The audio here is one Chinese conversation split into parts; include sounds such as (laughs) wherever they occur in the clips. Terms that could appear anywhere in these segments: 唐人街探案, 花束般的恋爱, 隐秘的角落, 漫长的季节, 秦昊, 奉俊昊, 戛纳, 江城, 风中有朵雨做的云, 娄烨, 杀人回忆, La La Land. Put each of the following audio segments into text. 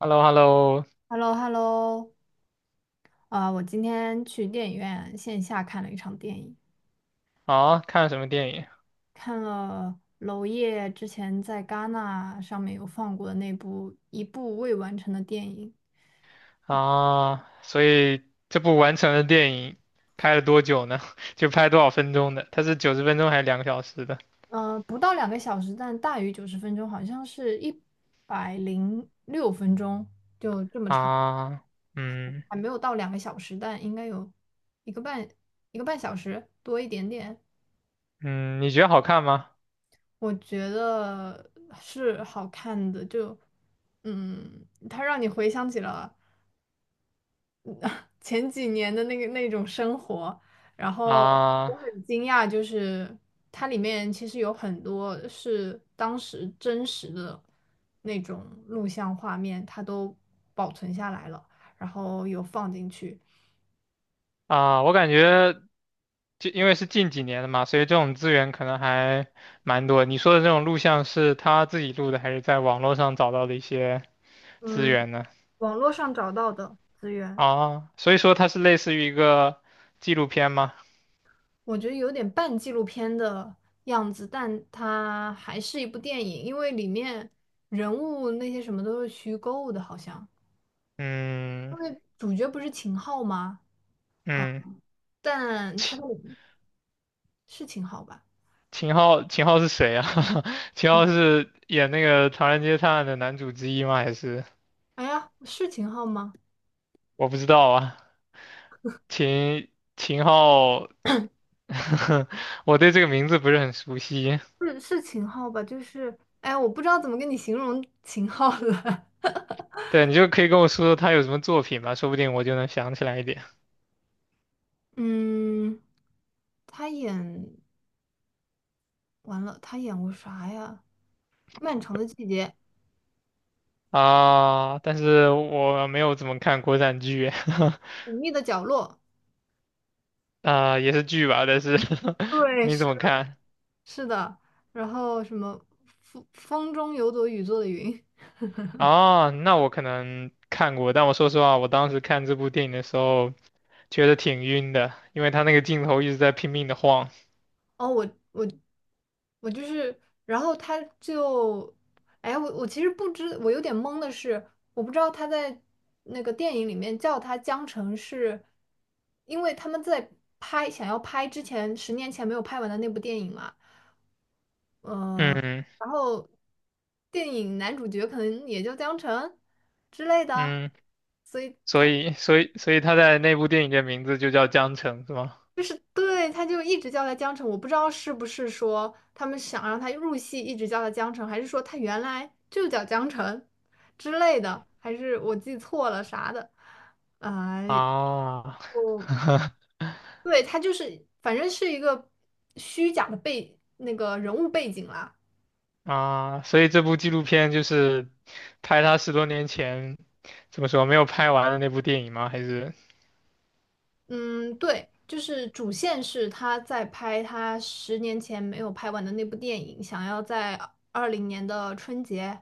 h e l l o h e l l o h e l l o h e l l o。 啊，我今天去电影院线下看了一场电影，啊，看了什么电影看了娄烨之前在戛纳上面有放过的那部一部未完成的电影，啊？所以这部完成的电影拍了多久呢？(laughs) 就拍多少分钟的？它是90分钟还是2个小时的？嗯，不到两个小时，但大于90分钟，好像是106分钟，啊，嗯还没有到两个小时，但应该有一个半一个半小时多一点点。嗯，你觉得好看吗？我觉得是好看的，就嗯，它让你回想起了，(laughs) 前几年的那个那种生活，然后我啊很惊讶，就是它里面其实有很多是当时真实的那种录像画面，它都保存下来了，然后有放进去。啊，我感觉就因为是近几年的嘛，所以这种资源可能还蛮多。你说的这种录像是他自己录的，还是在网络上找到的一些资嗯，源呢？网络上找到的资源，啊，所以说它是类似于一个纪录片吗？我觉得有点半纪录片的样子，但它还是一部电影，因为里面人物那些什么都是虚构的，好像。嗯。因为主角不是秦昊吗？嗯，但他秦是秦昊吧？秦昊，秦昊是谁啊？(laughs) 秦昊是演那个《唐人街探案》的男主之一吗？还是哎呀，是秦昊吗？我不知道啊？秦秦昊，(laughs) 我对这个名字不是很熟悉。是秦昊吧？就是，哎，我不知道怎么跟你形容秦昊了。(laughs) 对，你就可以跟我说说他有什么作品吧，说不定我就能想起来一点嗯，他演完了，他演过啥呀？《漫长的季节》啊。但是我没有怎么看国产剧，《隐秘的角落》。(laughs) 啊，也是剧吧，但是 (laughs) 对，没是怎么的，看。是的。然后什么风中有朵雨做的云？啊，那我可能看过，但我说实话，我当时看这部电影的时候。觉得挺晕的，因为他那个镜头一直在拼命的晃。哦，我我就是，然后他就，哎，我其实不知，我有点懵的是，我不知道他在那个电影里面叫他江澄是，因为他们在拍想要拍之前十年前没有拍完的那部电影嘛，嗯，嗯然后电影男主角可能也叫江澄之类的，嗯，所以。所以他在那部电影的名字就叫江城，是吗？就是对，他就一直叫他江城，我不知道是不是说他们想让他入戏，一直叫他江城，还是说他原来就叫江城之类的，还是我记错了啥的？啊、啊 我 (laughs) 对他就是，反正是一个虚假的背那个人物背景啦。啊，所以这部纪录片就是拍他十多年前怎么说没有拍完的那部电影吗？还是嗯，对，就是主线是他在拍他十年前没有拍完的那部电影，想要在2020年的春节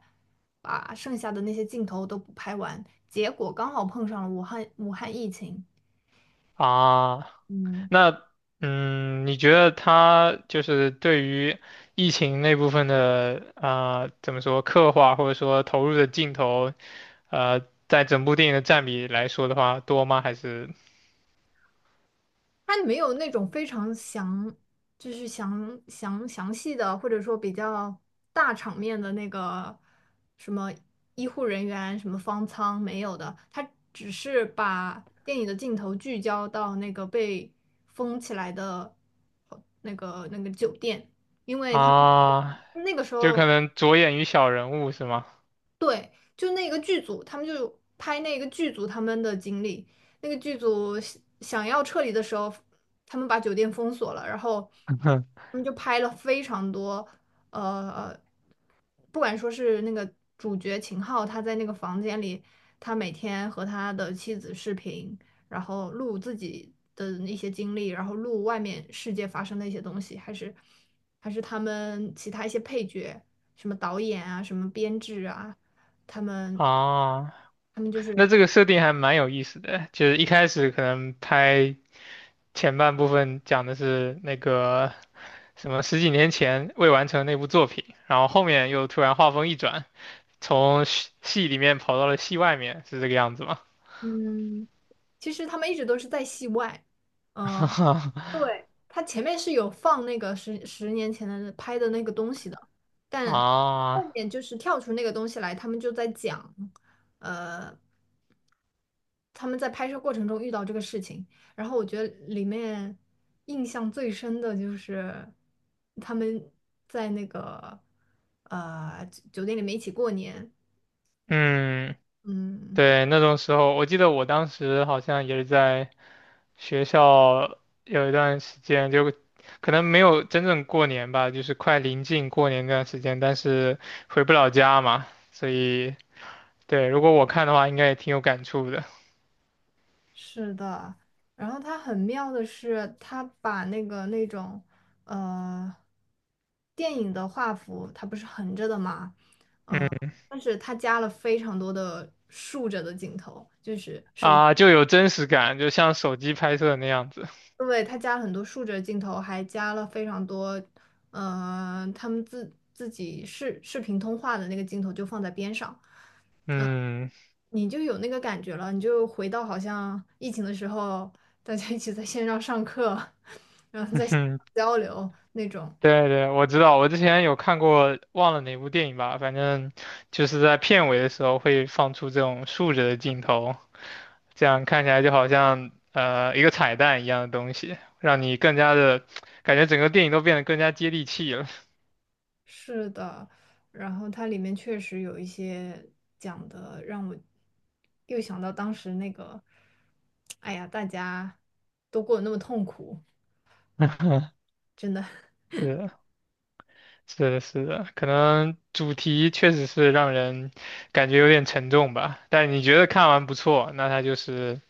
把剩下的那些镜头都补拍完，结果刚好碰上了武汉疫情，啊嗯，那，你觉得他就是对于疫情那部分的啊、怎么说刻画或者说投入的镜头，呃，在整部电影的占比来说的话，多吗？还是它没有那种非常详，就是详细的，或者说比较大场面的那个什么医护人员、什么方舱没有的，它只是把电影的镜头聚焦到那个被封起来的那个酒店，因为他们啊，那个时就候可能着眼于小人物是吗？对，就那个剧组，他们就拍那个剧组他们的经历。那个剧组想要撤离的时候，他们把酒店封锁了，然后 (laughs) 他们就拍了非常多，呃，不管说是那个主角秦昊，他在那个房间里，他每天和他的妻子视频，然后录自己的一些经历，然后录外面世界发生的一些东西，还是他们其他一些配角。什么导演啊，什么编制啊，他们啊，他们就是，那这个设定还蛮有意思的，就是一开始可能拍。前半部分讲的是那个什么十几年前未完成那部作品，然后后面又突然画风一转，从戏里面跑到了戏外面，是这个样子吗？嗯，其实他们一直都是在戏外，嗯，(laughs) 对，他前面是有放那个十年前的拍的那个东西的，但啊，后面就是跳出那个东西来，他们就在讲，呃，他们在拍摄过程中遇到这个事情，然后我觉得里面印象最深的就是他们在那个酒店里面一起过年，嗯，嗯。对，那种时候，我记得我当时好像也是在学校有一段时间，就可能没有真正过年吧，就是快临近过年那段时间，但是回不了家嘛，所以对，如果我看的话，应该也挺有感触的。是的，然后它很妙的是，它把那个那种呃电影的画幅，它不是横着的嘛，嗯、嗯。但是它加了非常多的竖着的镜头，就啊，就有真实感，就像手机拍摄那样子。因为它加了很多竖着的镜头，还加了非常多，他们自己视频通话的那个镜头就放在边上，嗯，你就有那个感觉了，你就回到好像疫情的时候，大家一起在线上上课，(laughs) 然后 (laughs) 在线哼，上交流那种。对对，我知道，我之前有看过，忘了哪部电影吧，反正就是在片尾的时候会放出这种竖着的镜头，这样看起来就好像一个彩蛋一样的东西，让你更加的感觉整个电影都变得更加接地气了。是的，然后它里面确实有一些讲的，让我又想到当时那个，哎呀，大家都过得那么痛苦。(laughs) 是是的，是的，可能主题确实是让人感觉有点沉重吧，但你觉得看完不错，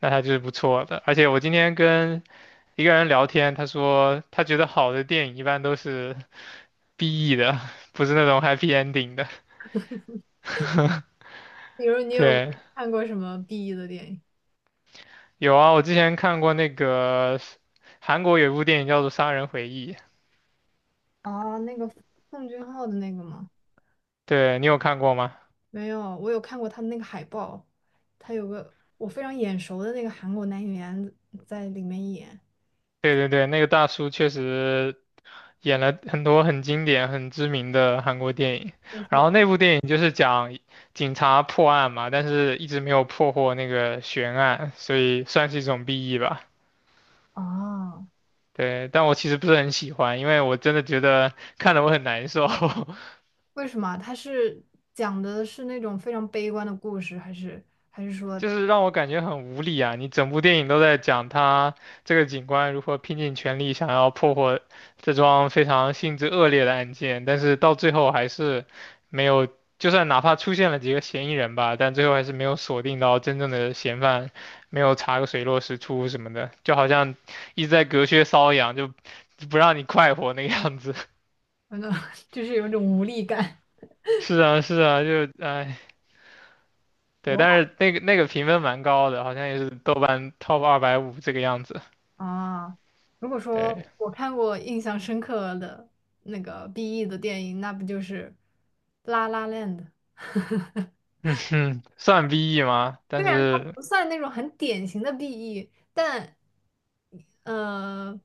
那他就是不错的。而且我今天跟一个人聊天，他说他觉得好的电影一般都是 BE 的，(laughs) 不是那种 happy ending 的。(laughs) 比如你有对，看过什么 BE 的电影？有啊，我之前看过那个韩国有一部电影叫做《杀人回忆》，啊？那个奉俊昊的那个吗？对你有看过吗？没有，我有看过他的那个海报，他有个我非常眼熟的那个韩国男演员在里面演。对对对，那个大叔确实演了很多很经典、很知名的韩国电影。为什然么？后那部电影就是讲警察破案嘛，但是一直没有破获那个悬案，所以算是一种 BE 吧。啊？对，但我其实不是很喜欢，因为我真的觉得看得我很难受，(laughs) 为什么啊？他是讲的是那种非常悲观的故事，还是就是让我感觉很无力啊。你整部电影都在讲他这个警官如何拼尽全力想要破获这桩非常性质恶劣的案件，但是到最后还是没有，就算哪怕出现了几个嫌疑人吧，但最后还是没有锁定到真正的嫌犯，没有查个水落石出什么的，就好像一直在隔靴搔痒，就不让你快活那个样子。(laughs) 反正 (laughs) 就是有一种无力感？是啊，是啊，就哎，对，但哇 是那个评分蛮高的，好像也是豆瓣 top 250这个样子。(laughs) 啊，如果对，说我看过印象深刻的那个 BE 的电影，那不就是《La La Land》？嗯哼，算 BE 吗？但虽然它是不算那种很典型的 BE，但呃，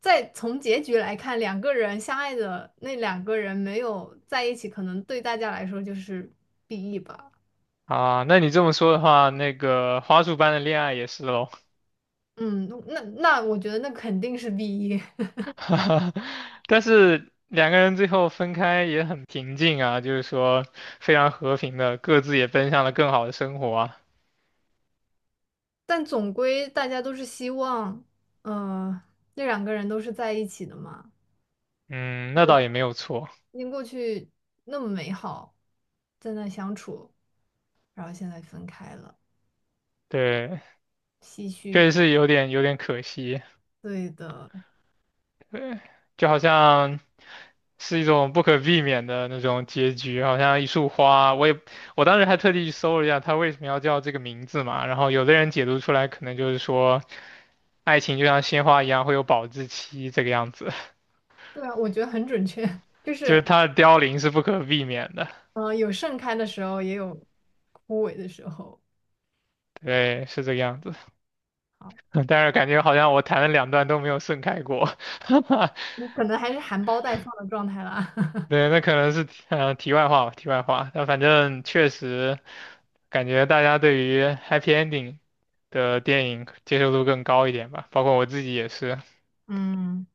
在从结局来看，两个人相爱的那两个人没有在一起，可能对大家来说就是 BE 吧。啊，那你这么说的话，那个花束般的恋爱也是喽。嗯，那我觉得那肯定是 BE，(laughs) 但是两个人最后分开也很平静啊，就是说非常和平的，各自也奔向了更好的生活啊。(laughs) 但总归大家都是希望，呃，那两个人都是在一起的嘛，嗯，那倒也没有错。因过去那么美好，在那相处，然后现在分开了，对，唏确实嘘。是有点可惜。对的。对，就好像是一种不可避免的那种结局，好像一束花，我当时还特地去搜了一下，它为什么要叫这个名字嘛，然后有的人解读出来可能就是说，爱情就像鲜花一样会有保质期这个样子，对啊，我觉得很准确，(laughs) 就就是是它的凋零是不可避免的，有盛开的时候，也有枯萎的时候。对，是这个样子，好，(laughs) 但是感觉好像我谈了两段都没有盛开过，(laughs) 你可能还是含苞待放的状态啦。(laughs) 对，那可能是题外话吧，题外话。但反正确实感觉大家对于 happy ending 的电影接受度更高一点吧，包括我自己也是。嗯，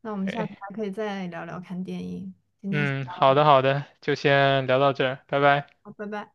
那我们下对，次还可以再聊聊看电影。今天先，嗯，好的好的，就先聊到这儿，拜拜。好，拜拜。